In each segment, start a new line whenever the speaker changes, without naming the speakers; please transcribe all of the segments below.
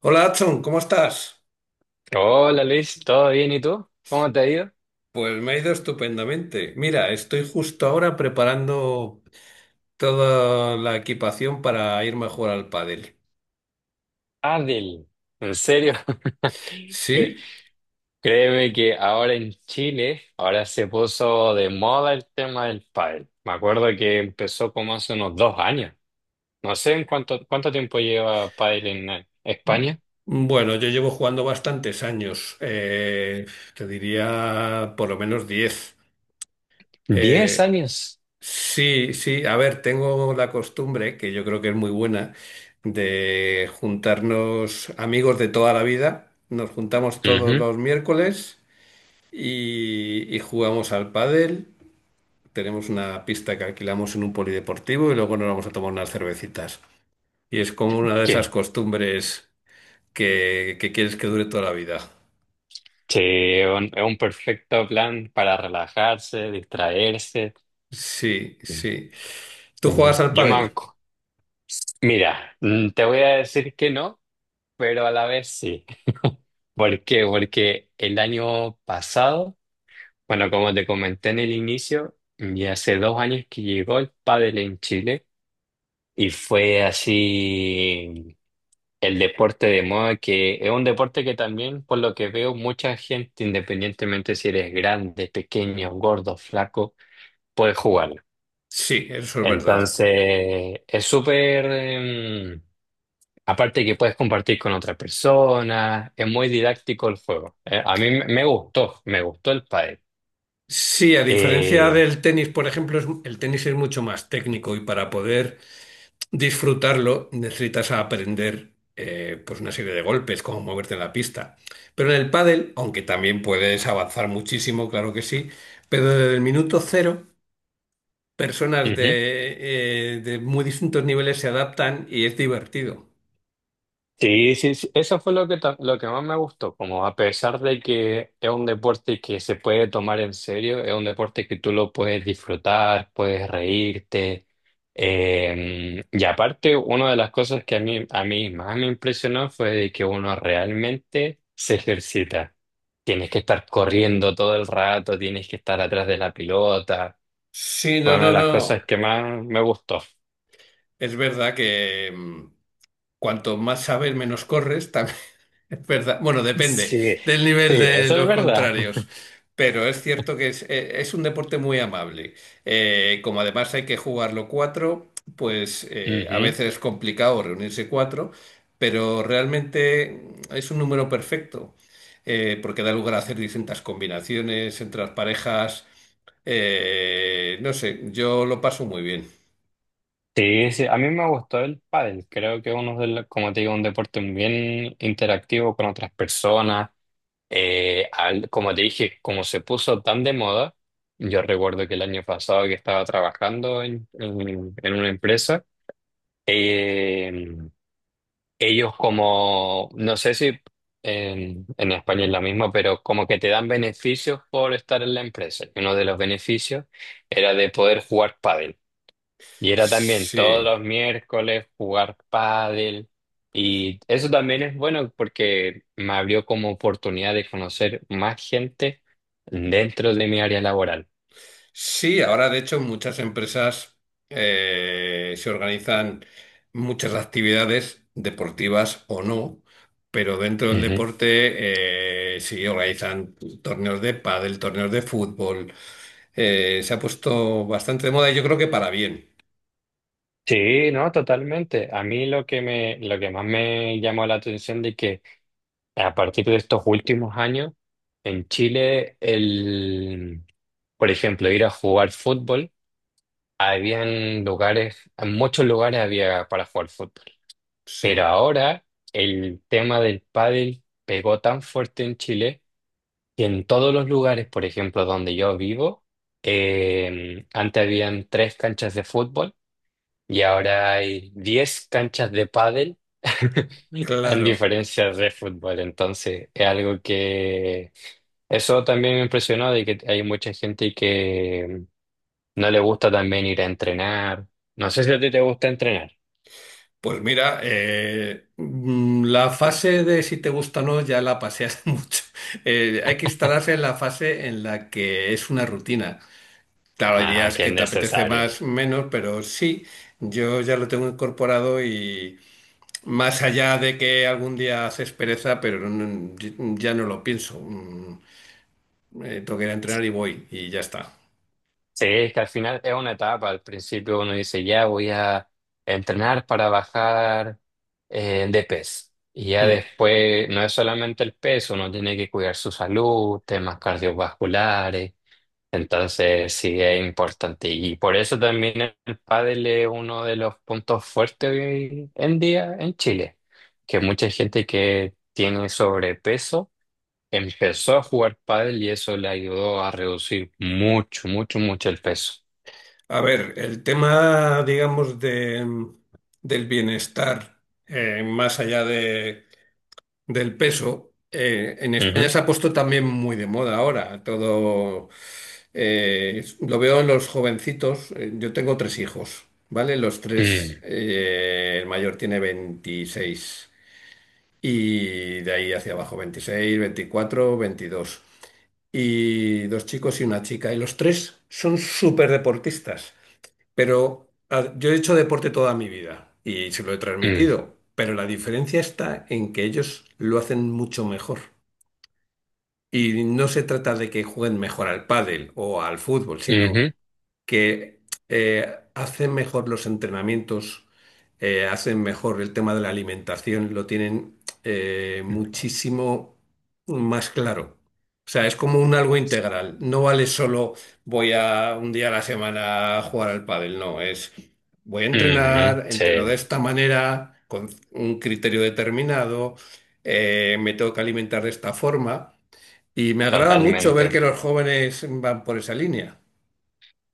Hola, Adson, ¿cómo estás?
Hola Luis, ¿todo bien? ¿Y tú? ¿Cómo te ha ido?
Pues me ha ido estupendamente. Mira, estoy justo ahora preparando toda la equipación para irme a jugar al pádel.
Adel, ¿en serio? Cre-
¿Sí?
Créeme que ahora en Chile, ahora se puso de moda el tema del pádel. Me acuerdo que empezó como hace unos 2 años. No sé en cuánto tiempo lleva pádel en España.
Bueno, yo llevo jugando bastantes años, te diría por lo menos 10.
Diez
Eh,
años.
sí, sí, a ver, tengo la costumbre, que yo creo que es muy buena, de juntarnos amigos de toda la vida. Nos juntamos todos
Ujú.
los miércoles y jugamos al pádel. Tenemos una pista que alquilamos en un polideportivo y luego nos vamos a tomar unas cervecitas. Y es como una de esas
¿Qué?
costumbres que quieres que dure toda la vida.
Sí, es un perfecto plan para relajarse, distraerse.
Sí, sí. ¿Tú
Ujú.
juegas al pádel?
Mira, te voy a decir que no. Pero a la vez sí. ¿Por qué? Porque el año pasado, bueno, como te comenté en el inicio, ya hace 2 años que llegó el pádel en Chile y fue así el deporte de moda que es un deporte que también, por lo que veo, mucha gente, independientemente si eres grande, pequeño, gordo, flaco, puede jugarlo.
Sí, eso es verdad.
Entonces, es súper. Aparte que puedes compartir con otra persona, es muy didáctico el juego. A mí me gustó, me gustó el pádel.
Sí, a diferencia
Eh,
del tenis, por ejemplo, el tenis es mucho más técnico y para poder disfrutarlo, necesitas aprender pues una serie de golpes, cómo moverte en la pista. Pero en el pádel, aunque también puedes avanzar muchísimo, claro que sí, pero desde el minuto cero, personas
Ujú.
de muy distintos niveles se adaptan y es divertido.
Sí, sí, sí, eso fue lo que más me gustó, como a pesar de que es un deporte que se puede tomar en serio, es un deporte que tú lo puedes disfrutar, puedes reírte. Y aparte, una de las cosas que a mí más me impresionó fue de que uno realmente se ejercita. Tienes que estar corriendo todo el rato, tienes que estar atrás de la pelota.
Sí, no,
Fue una
no,
de las
no.
cosas que más me gustó.
Es verdad que cuanto más sabes, menos corres. Es verdad. Bueno, depende
Sí, sí,
del nivel de
eso es
los
verdad.
contrarios. Pero es cierto que es un deporte muy amable. Como además hay que jugarlo cuatro, pues a
Ujú.
veces es complicado reunirse cuatro, pero realmente es un número perfecto, porque da lugar a hacer distintas combinaciones entre las parejas. No sé, yo lo paso muy bien.
Sí, sí, a mí me gustó el pádel. Creo que es uno de los, como te digo, un deporte bien interactivo con otras personas. Como te dije, como se puso tan de moda, yo recuerdo que el año pasado que estaba trabajando en una empresa, eh, ellos como, no sé si en España es lo mismo, pero como que te dan beneficios por estar en la empresa. Y uno de los beneficios era de poder jugar pádel. Y era también todos
Sí.
los miércoles jugar pádel. Y eso también es bueno porque me abrió como oportunidad de conocer más gente dentro de mi área laboral.
Sí, ahora de hecho muchas empresas se organizan muchas actividades deportivas o no, pero dentro del
Ujú.
deporte sí organizan torneos de pádel, torneos de fútbol. Se ha puesto bastante de moda y yo creo que para bien.
Sí, no, totalmente. A mí lo que más me llamó la atención de que a partir de estos últimos años en Chile, por ejemplo, ir a jugar fútbol, habían lugares, en muchos lugares había para jugar fútbol. Pero
Sí,
ahora el tema del pádel pegó tan fuerte en Chile que en todos los lugares, por ejemplo, donde yo vivo, antes habían tres canchas de fútbol y ahora hay 10 canchas de pádel, en
claro.
diferencia de fútbol. Entonces, es algo que eso también me impresionó de que hay mucha gente que no le gusta también ir a entrenar. No sé si a ti te gusta entrenar.
Pues mira, la fase de si te gusta o no ya la pasé hace mucho. Hay que instalarse en la fase en la que es una rutina. Claro, hay
Ajá,
días
que es
que te apetece
necesario.
más, menos, pero sí, yo ya lo tengo incorporado y más allá de que algún día haces pereza, pero no, ya no lo pienso. Tengo que ir a entrenar y voy y ya está.
Sí, es que al final es una etapa. Al principio uno dice, ya voy a entrenar para bajar de peso. Y ya
Mm.
después no es solamente el peso, uno tiene que cuidar su salud, temas cardiovasculares. Entonces sí es importante. Y por eso también el pádel es uno de los puntos fuertes hoy en día en Chile, que mucha gente que tiene sobrepeso empezó a jugar pádel y eso le ayudó a reducir mucho, mucho, mucho el peso.
A ver, el tema, digamos, de, del bienestar, más allá de del peso. En España
Ujú,
se ha puesto también muy de moda ahora. Todo lo veo en los jovencitos. Yo tengo tres hijos, ¿vale? Los tres,
mm,
el mayor tiene 26 y de ahí hacia abajo 26 24 22. Y dos chicos y una chica. Y los tres son súper deportistas. Pero yo he hecho deporte toda mi vida y se lo he
mm,
transmitido, pero la diferencia está en que ellos lo hacen mucho mejor. Y no se trata de que jueguen mejor al pádel o al fútbol,
ujú,
sino que hacen mejor los entrenamientos, hacen mejor el tema de la alimentación, lo tienen muchísimo más claro. O sea, es como un algo integral. No vale solo voy a un día a la semana a jugar al pádel, no, es voy a
ujú,
entrenar, entreno de
sí,
esta manera, con un criterio determinado, me tengo que alimentar de esta forma. Y me agrada mucho ver que
totalmente.
los jóvenes van por esa línea.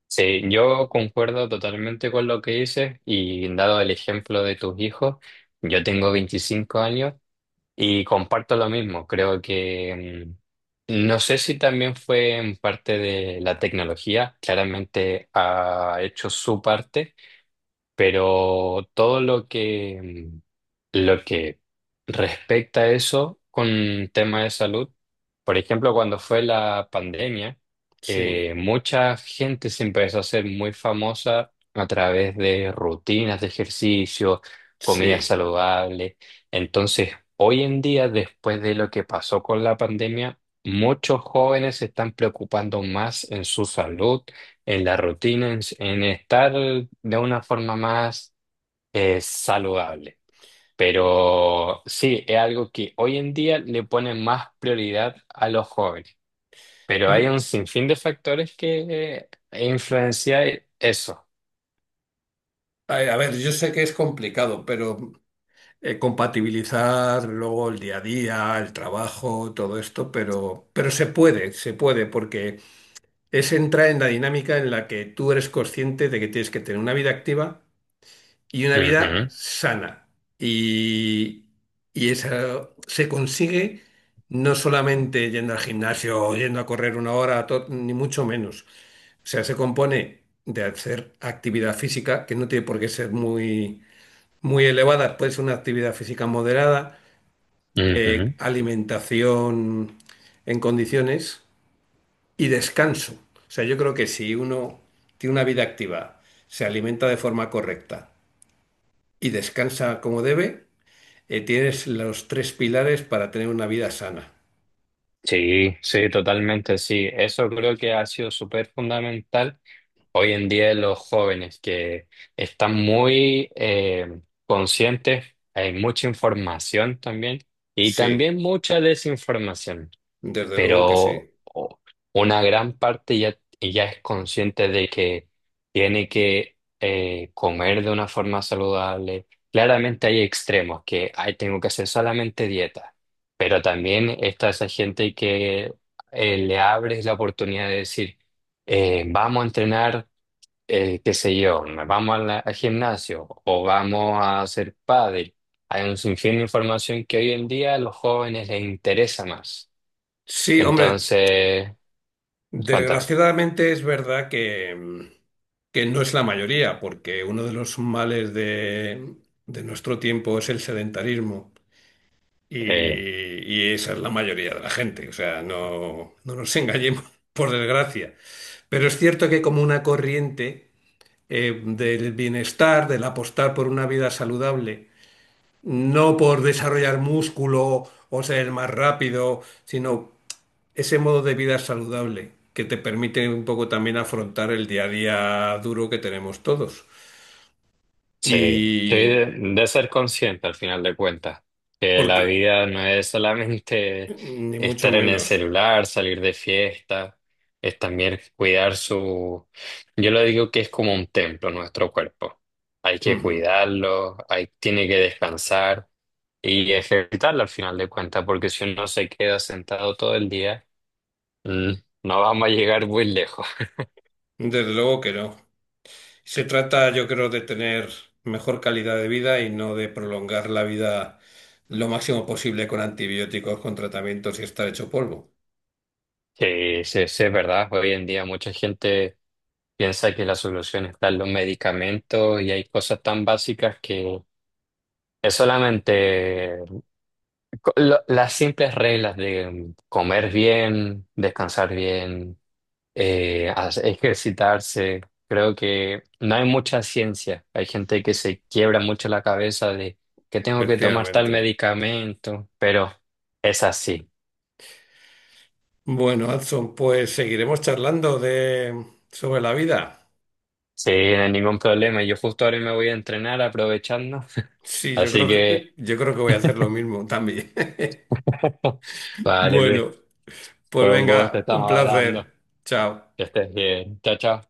Sí, yo concuerdo totalmente con lo que dices y dado el ejemplo de tus hijos, yo tengo 25 años y comparto lo mismo. Creo que no sé si también fue en parte de la tecnología, claramente ha hecho su parte, pero todo lo que Lo que respecta a eso con tema de salud, por ejemplo, cuando fue la pandemia,
Sí,
mucha gente se empezó a hacer muy famosa a través de rutinas de ejercicio, comida
sí.
saludable. Entonces, hoy en día, después de lo que pasó con la pandemia, muchos jóvenes se están preocupando más en su salud, en la rutina, en estar de una forma más saludable. Pero sí, es algo que hoy en día le ponen más prioridad a los jóvenes. Pero hay
Mm,
un sinfín de factores que influencian eso.
a ver, yo sé que es complicado, pero compatibilizar luego el día a día, el trabajo, todo esto, pero se puede, porque es entrar en la dinámica en la que tú eres consciente de que tienes que tener una vida activa y una vida
Ujú,
sana. Y, y esa se consigue no solamente yendo al gimnasio o yendo a correr una hora, ni mucho menos. O sea, se compone de hacer actividad física, que no tiene por qué ser muy, muy elevada, puede ser una actividad física moderada,
ujú.
alimentación en condiciones y descanso. O sea, yo creo que si uno tiene una vida activa, se alimenta de forma correcta y descansa como debe, tienes los tres pilares para tener una vida sana.
Sí, sí, totalmente, sí. Eso creo que ha sido súper fundamental. Hoy en día los jóvenes que están muy conscientes, hay mucha información también y
Sí,
también mucha desinformación.
desde luego que
pero
sí.
o- una gran parte ya es consciente de que tiene que comer de una forma saludable. Claramente hay extremos que "Ay, tengo que hacer solamente dieta", pero también está esa gente que le abres la oportunidad de decir, vamos a entrenar, qué sé yo, vamos a al gimnasio o vamos a hacer pádel. Hay un sinfín de información que hoy en día a los jóvenes les interesa más.
Sí, hombre,
Entonces, cuéntame.
desgraciadamente es verdad que no es la mayoría, porque uno de los males de nuestro tiempo es el sedentarismo
Eh,
y esa es la mayoría de la gente. O sea, no, no nos engañemos, por desgracia. Pero es cierto que como una corriente del bienestar, del apostar por una vida saludable, no por desarrollar músculo o ser más rápido, sino ese modo de vida saludable que te permite un poco también afrontar el día a día duro que tenemos todos.
sí, sí,
Y
de ser consciente al final de cuentas, que la
porque,
vida no es solamente
ni mucho
estar en el
menos.
celular, salir de fiesta, es también cuidar su. Yo lo digo que es como un templo nuestro cuerpo. Hay que
Ujú.
cuidarlo, tiene que descansar y ejercitarlo al final de cuentas, porque si uno se queda sentado todo el día, mm, no vamos a llegar muy lejos.
Desde luego que no. Se trata, yo creo, de tener mejor calidad de vida y no de prolongar la vida lo máximo posible con antibióticos, con tratamientos y estar hecho polvo.
Sí, sí, sí, es verdad. Hoy en día mucha gente piensa que la solución está en los medicamentos y hay cosas tan básicas que es solamente las simples reglas de comer bien, descansar bien, ejercitarse. Creo que no hay mucha ciencia. Hay gente que se quiebra mucho la cabeza de que tengo que tomar tal
Efectivamente.
medicamento, pero es así.
Bueno, Adson, pues seguiremos charlando de sobre la vida.
Sí, no hay ningún problema. Yo justo ahora me voy a entrenar aprovechando.
Sí, yo
Así
creo que
que,
yo creo que voy a hacer lo mismo también.
vale, Luis,
Bueno, pues
fue un gusto,
venga, un
estamos hablando.
placer. Chao.
Que estés bien. Chao, chao.